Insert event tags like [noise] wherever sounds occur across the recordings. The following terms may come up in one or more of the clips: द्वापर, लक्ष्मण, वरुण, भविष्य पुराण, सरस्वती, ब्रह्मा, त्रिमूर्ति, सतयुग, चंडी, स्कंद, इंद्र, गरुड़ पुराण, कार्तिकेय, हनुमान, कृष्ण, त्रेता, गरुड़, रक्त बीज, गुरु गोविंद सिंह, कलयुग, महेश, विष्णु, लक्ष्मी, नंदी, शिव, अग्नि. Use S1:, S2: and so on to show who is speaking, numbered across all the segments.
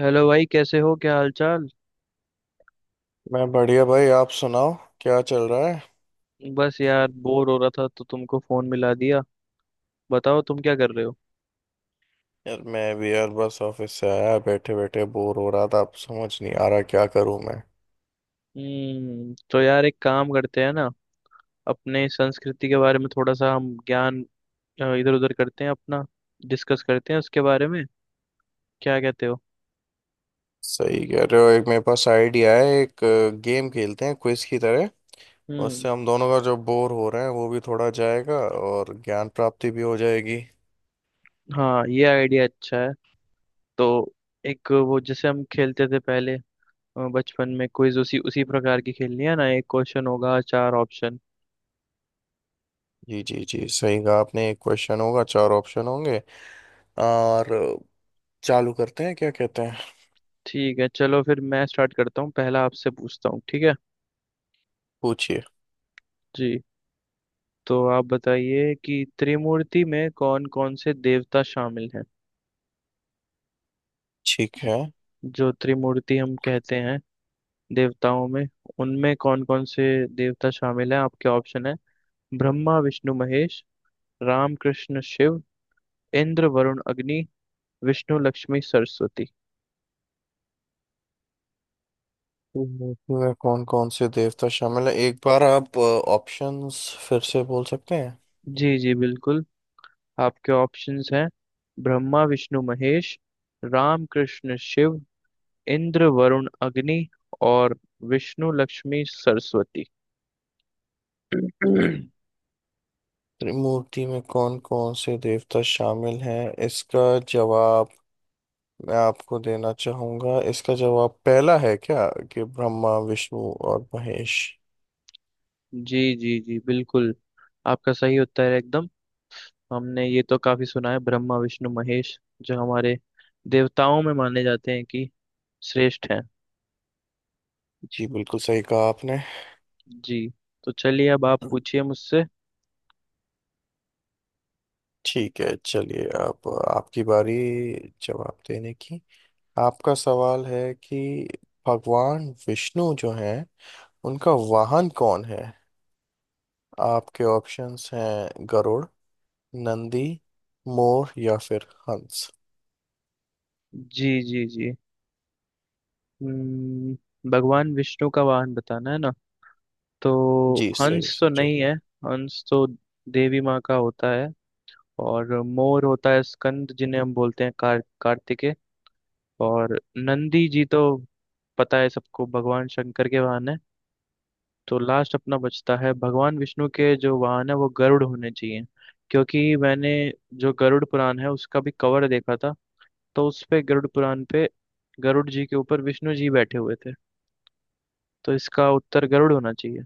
S1: Hello भाई। कैसे हो? क्या हाल चाल?
S2: मैं बढ़िया भाई। आप सुनाओ, क्या चल रहा है?
S1: बस यार बोर हो रहा था तो तुमको फोन मिला दिया। बताओ तुम क्या कर रहे हो?
S2: यार मैं भी यार बस ऑफिस से आया, बैठे बैठे बोर हो रहा था। अब समझ नहीं आ रहा क्या करूं मैं।
S1: हम्म। तो यार एक काम करते हैं ना, अपने संस्कृति के बारे में थोड़ा सा हम ज्ञान इधर उधर करते हैं अपना। डिस्कस करते हैं उसके बारे में। क्या कहते हो?
S2: सही कह रहे हो, एक मेरे पास आइडिया है। एक गेम खेलते हैं क्विज की तरह।
S1: हम्म।
S2: उससे हम दोनों का जो बोर हो रहे हैं वो भी थोड़ा जाएगा और ज्ञान प्राप्ति भी हो जाएगी।
S1: हाँ ये आइडिया अच्छा है। तो एक वो जैसे हम खेलते थे पहले, बचपन में क्विज उसी उसी प्रकार की खेलनी है ना। एक क्वेश्चन होगा चार ऑप्शन।
S2: जी जी जी, सही कहा आपने। एक क्वेश्चन होगा, चार ऑप्शन होंगे। और चालू करते हैं, क्या कहते हैं?
S1: ठीक है चलो फिर मैं स्टार्ट करता हूँ। पहला आपसे पूछता हूँ ठीक है?
S2: पूछिए।
S1: जी। तो आप बताइए कि त्रिमूर्ति में कौन कौन से देवता शामिल हैं?
S2: ठीक है,
S1: जो त्रिमूर्ति हम कहते हैं देवताओं में, उनमें कौन कौन से देवता शामिल हैं? आपके ऑप्शन है ब्रह्मा विष्णु महेश, राम कृष्ण शिव, इंद्र वरुण अग्नि, विष्णु लक्ष्मी सरस्वती।
S2: मूर्ति में कौन कौन से देवता शामिल है, एक बार आप ऑप्शंस फिर से बोल सकते हैं?
S1: जी जी बिल्कुल। आपके ऑप्शंस हैं ब्रह्मा विष्णु महेश, राम कृष्ण शिव, इंद्र वरुण अग्नि, और विष्णु लक्ष्मी सरस्वती।
S2: [clears throat] त्रिमूर्ति में कौन कौन से देवता शामिल हैं, इसका जवाब मैं आपको देना चाहूंगा। इसका जवाब पहला है क्या, कि ब्रह्मा विष्णु और महेश।
S1: जी जी जी बिल्कुल। आपका सही उत्तर है एकदम। हमने ये तो काफी सुना है ब्रह्मा विष्णु महेश जो हमारे देवताओं में माने जाते हैं कि श्रेष्ठ हैं।
S2: जी बिल्कुल सही कहा आपने।
S1: जी। तो चलिए अब आप पूछिए मुझसे।
S2: ठीक है, चलिए अब आपकी बारी जवाब देने की। आपका सवाल है कि भगवान विष्णु जो हैं, उनका वाहन कौन है? आपके ऑप्शंस हैं गरुड़, नंदी, मोर या फिर हंस।
S1: जी जी जी। भगवान विष्णु का वाहन बताना है ना? तो
S2: जी सही
S1: हंस तो
S2: सोचे।
S1: नहीं है। हंस तो देवी माँ का होता है। और मोर होता है स्कंद जिन्हें हम बोलते हैं कार्तिकेय। और नंदी जी तो पता है सबको भगवान शंकर के वाहन है। तो लास्ट अपना बचता है भगवान विष्णु के जो वाहन है वो गरुड़ होने चाहिए। क्योंकि मैंने जो गरुड़ पुराण है उसका भी कवर देखा था, तो उस पे गरुड़ पुराण पे गरुड़ जी के ऊपर विष्णु जी बैठे हुए थे। तो इसका उत्तर गरुड़ होना चाहिए।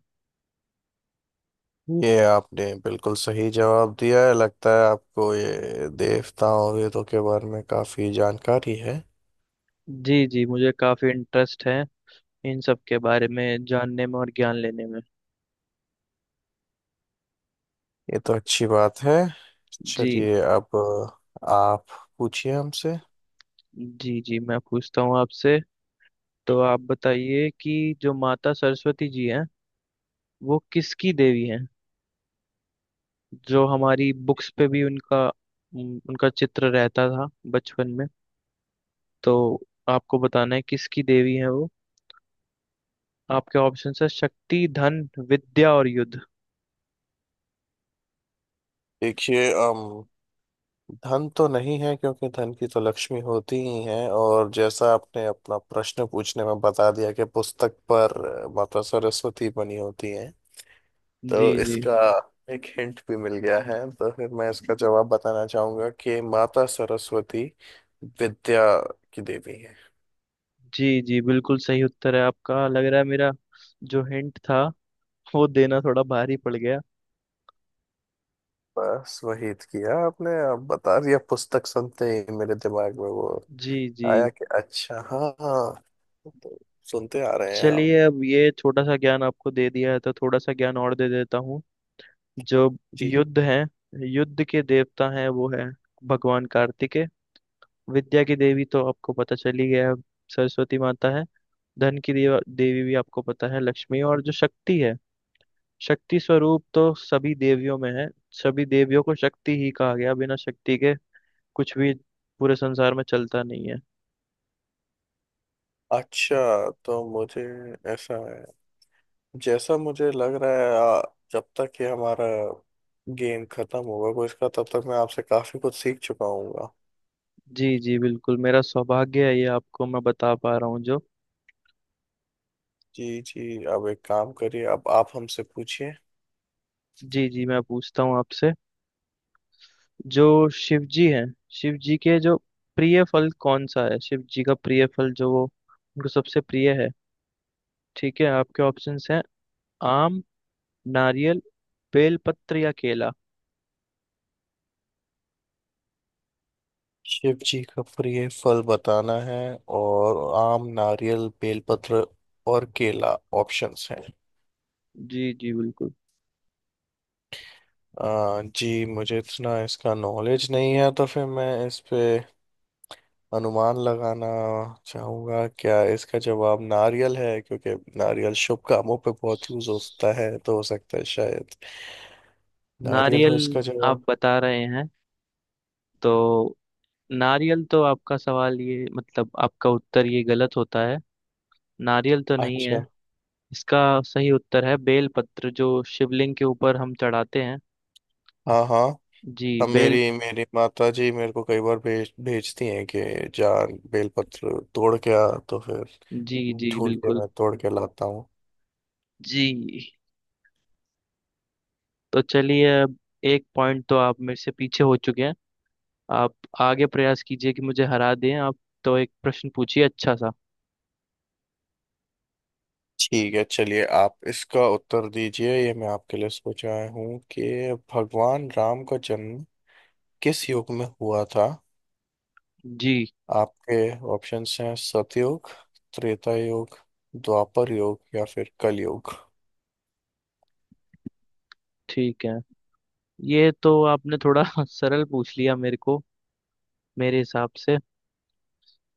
S2: ये आपने बिल्कुल सही जवाब दिया है। लगता है आपको ये देवताओं वेदों के बारे में काफी जानकारी है।
S1: जी जी मुझे काफ़ी इंटरेस्ट है इन सब के बारे में जानने में और ज्ञान लेने में।
S2: ये तो अच्छी बात है।
S1: जी
S2: चलिए अब आप पूछिए हमसे।
S1: जी जी मैं पूछता हूँ आपसे। तो आप बताइए कि जो माता सरस्वती जी हैं वो किसकी देवी हैं? जो हमारी बुक्स पे भी उनका उनका चित्र रहता था बचपन में। तो आपको बताना है किसकी देवी है वो। आपके ऑप्शन है शक्ति, धन, विद्या और युद्ध।
S2: देखिए, धन तो नहीं है क्योंकि धन की तो लक्ष्मी होती ही है। और जैसा आपने अपना प्रश्न पूछने में बता दिया कि पुस्तक पर माता सरस्वती बनी होती है,
S1: जी
S2: तो
S1: जी।
S2: इसका जी एक हिंट भी मिल गया है। तो फिर मैं इसका जवाब बताना चाहूंगा कि माता सरस्वती विद्या की देवी है।
S1: जी जी बिल्कुल सही उत्तर है आपका। लग रहा है मेरा जो हिंट था वो देना थोड़ा भारी पड़ गया।
S2: बस वही किया आपने, अब बता दिया। पुस्तक सुनते ही मेरे दिमाग में वो
S1: जी जी।
S2: आया कि अच्छा हाँ हाँ। तो सुनते आ रहे हैं आप
S1: चलिए अब ये छोटा सा ज्ञान आपको दे दिया है तो थोड़ा सा ज्ञान और दे देता हूँ। जो
S2: जी।
S1: युद्ध है, युद्ध के देवता हैं वो है भगवान कार्तिकेय। विद्या की देवी तो आपको पता चली गया है, सरस्वती माता है। धन की देवी भी आपको पता है लक्ष्मी। और जो शक्ति है, शक्ति स्वरूप तो सभी देवियों में है। सभी देवियों को शक्ति ही कहा गया। बिना शक्ति के कुछ भी पूरे संसार में चलता नहीं है।
S2: अच्छा तो मुझे ऐसा है, जैसा मुझे लग रहा है जब तक ये हमारा गेम खत्म होगा कोई इसका, तब तक मैं आपसे काफी कुछ सीख चुका हूँगा।
S1: जी जी बिल्कुल। मेरा सौभाग्य है ये आपको मैं बता पा रहा हूँ जो।
S2: जी जी, अब एक काम करिए, अब आप हमसे पूछिए।
S1: जी जी मैं पूछता हूँ आपसे। जो शिव जी हैं, शिव जी के जो प्रिय फल कौन सा है? शिव जी का प्रिय फल जो वो उनको सबसे प्रिय है। ठीक है आपके ऑप्शंस हैं आम, नारियल, बेलपत्र या केला।
S2: शिव जी का प्रिय फल बताना है? और आम, नारियल, बेलपत्र और केला ऑप्शंस हैं?
S1: जी जी बिल्कुल।
S2: जी मुझे इतना इसका नॉलेज नहीं है, तो फिर मैं इस पे अनुमान लगाना चाहूंगा। क्या इसका जवाब नारियल है? क्योंकि नारियल शुभ कामों पे बहुत यूज होता है, तो हो सकता है शायद नारियल हो
S1: नारियल
S2: इसका जवाब।
S1: आप बता रहे हैं, तो नारियल तो आपका सवाल ये मतलब आपका उत्तर ये गलत होता है। नारियल तो नहीं है।
S2: अच्छा।
S1: इसका सही उत्तर है बेल पत्र जो शिवलिंग के ऊपर हम चढ़ाते हैं।
S2: हाँ हाँ,
S1: जी
S2: अब
S1: बेल।
S2: मेरी मेरी माता जी मेरे को कई बार भेजती हैं कि जान बेलपत्र तोड़ के आ, तो फिर
S1: जी जी
S2: ढूंढ के
S1: बिल्कुल।
S2: मैं तोड़ के लाता हूँ।
S1: जी। तो चलिए अब एक पॉइंट तो आप मेरे से पीछे हो चुके हैं। आप आगे प्रयास कीजिए कि मुझे हरा दें आप। तो एक प्रश्न पूछिए अच्छा सा।
S2: ठीक है, चलिए आप इसका उत्तर दीजिए, ये मैं आपके लिए सोच आया हूँ कि भगवान राम का जन्म किस युग में हुआ था?
S1: जी।
S2: आपके ऑप्शंस हैं सतयुग, त्रेता युग, द्वापर युग या फिर कलयुग।
S1: ठीक है। ये तो आपने थोड़ा [laughs] सरल पूछ लिया मेरे को मेरे हिसाब से।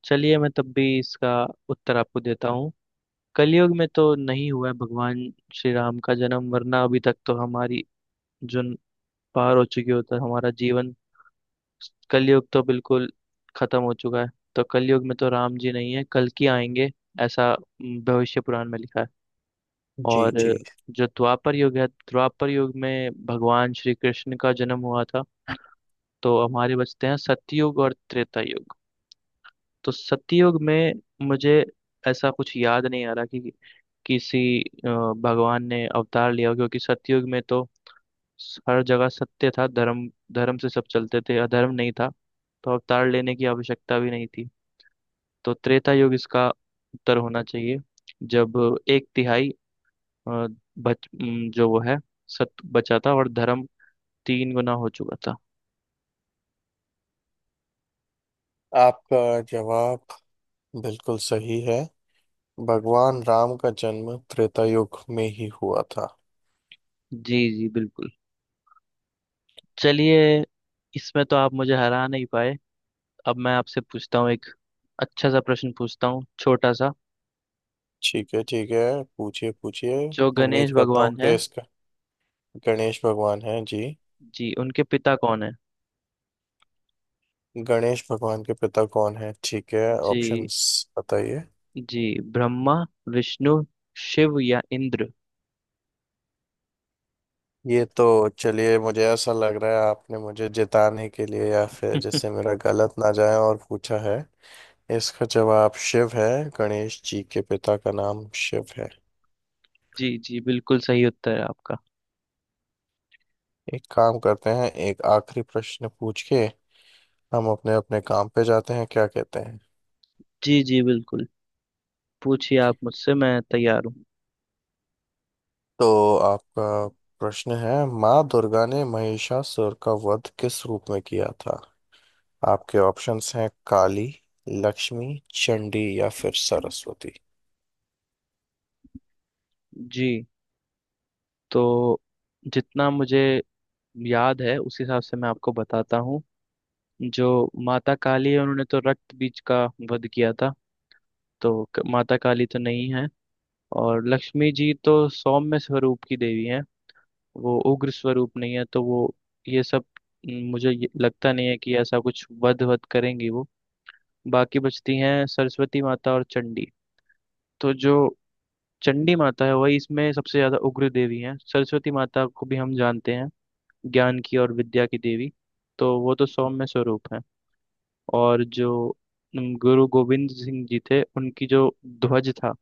S1: चलिए मैं तब भी इसका उत्तर आपको देता हूँ। कलयुग में तो नहीं हुआ है भगवान श्री राम का जन्म, वरना अभी तक तो हमारी जो पार हो चुकी होता है हमारा जीवन। कलयुग तो बिल्कुल खत्म हो चुका है। तो कलयुग में तो राम जी नहीं है, कल की आएंगे ऐसा भविष्य पुराण में लिखा है।
S2: जी
S1: और
S2: जी,
S1: जो द्वापर युग है, द्वापर युग में भगवान श्री कृष्ण का जन्म हुआ था। तो हमारे बचते हैं सतयुग और त्रेता युग। तो सतयुग में मुझे ऐसा कुछ याद नहीं आ रहा कि किसी भगवान ने अवतार लिया हो, क्योंकि सतयुग में तो हर जगह सत्य था, धर्म धर्म से सब चलते थे, अधर्म नहीं था। तो अवतार लेने की आवश्यकता भी नहीं थी। तो त्रेता युग इसका उत्तर होना चाहिए, जब एक तिहाई अ, जो वो है सत बचा था और धर्म तीन गुना हो चुका था।
S2: आपका जवाब बिल्कुल सही है। भगवान राम का जन्म त्रेता युग में ही हुआ था।
S1: जी जी बिल्कुल। चलिए इसमें तो आप मुझे हरा नहीं पाए। अब मैं आपसे पूछता हूँ एक अच्छा सा प्रश्न पूछता हूँ छोटा सा।
S2: ठीक है ठीक है, पूछिए पूछिए।
S1: जो
S2: उम्मीद
S1: गणेश
S2: करता हूँ
S1: भगवान
S2: कि
S1: है,
S2: इसका गणेश भगवान है जी।
S1: जी उनके पिता कौन है।
S2: गणेश भगवान के पिता कौन है? ठीक है,
S1: जी
S2: ऑप्शंस बताइए।
S1: जी ब्रह्मा, विष्णु, शिव या इंद्र।
S2: ये तो, चलिए मुझे ऐसा लग रहा है आपने मुझे जिताने के लिए या फिर जैसे
S1: [laughs]
S2: मेरा गलत ना जाए और पूछा है। इसका जवाब शिव है। गणेश जी के पिता का नाम शिव है।
S1: जी जी बिल्कुल सही उत्तर है आपका।
S2: एक काम करते हैं, एक आखिरी प्रश्न पूछ के हम अपने अपने काम पे जाते हैं, क्या कहते हैं?
S1: जी जी बिल्कुल। पूछिए आप मुझसे मैं तैयार हूँ।
S2: तो आपका प्रश्न है, माँ दुर्गा ने महिषासुर का वध किस रूप में किया था? आपके ऑप्शंस हैं काली, लक्ष्मी, चंडी या फिर सरस्वती।
S1: जी। तो जितना मुझे याद है उस हिसाब से मैं आपको बताता हूँ। जो माता काली है उन्होंने तो रक्त बीज का वध किया था। तो माता काली तो नहीं है। और लक्ष्मी जी तो सौम्य स्वरूप की देवी हैं, वो उग्र स्वरूप नहीं है। तो वो ये सब न, मुझे लगता नहीं है कि ऐसा कुछ वध वध करेंगी वो। बाकी बचती हैं सरस्वती माता और चंडी। तो जो चंडी माता है वही इसमें सबसे ज्यादा उग्र देवी हैं। सरस्वती माता को भी हम जानते हैं ज्ञान की और विद्या की देवी, तो वो तो सौम्य स्वरूप है। और जो गुरु गोविंद सिंह जी थे उनकी जो ध्वज था,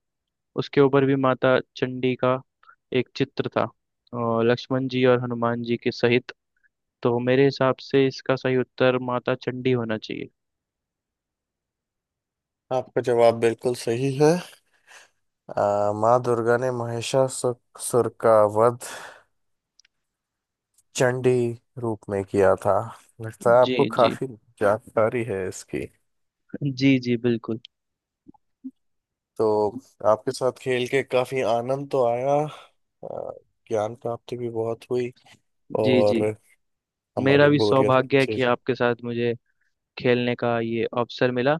S1: उसके ऊपर भी माता चंडी का एक चित्र था, और लक्ष्मण जी और हनुमान जी के सहित। तो मेरे हिसाब से इसका सही उत्तर माता चंडी होना चाहिए।
S2: आपका जवाब बिल्कुल सही है। माँ दुर्गा ने महिषासुर का वध चंडी रूप में किया था। लगता है
S1: जी
S2: आपको
S1: जी।
S2: काफी जानकारी है इसकी।
S1: जी जी बिल्कुल।
S2: तो आपके साथ खेल के काफी आनंद तो आया, ज्ञान प्राप्ति भी बहुत हुई।
S1: जी जी
S2: और
S1: मेरा
S2: हमारी
S1: भी
S2: बोरियत
S1: सौभाग्य है
S2: से।
S1: कि आपके साथ मुझे खेलने का ये अवसर मिला।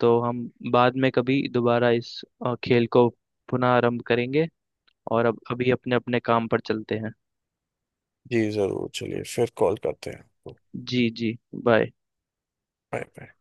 S1: तो हम बाद में कभी दोबारा इस खेल को पुनः आरंभ करेंगे। और अब अभी अपने अपने काम पर चलते हैं।
S2: जी जरूर, चलिए फिर कॉल करते हैं।
S1: जी जी बाय।
S2: Bye bye.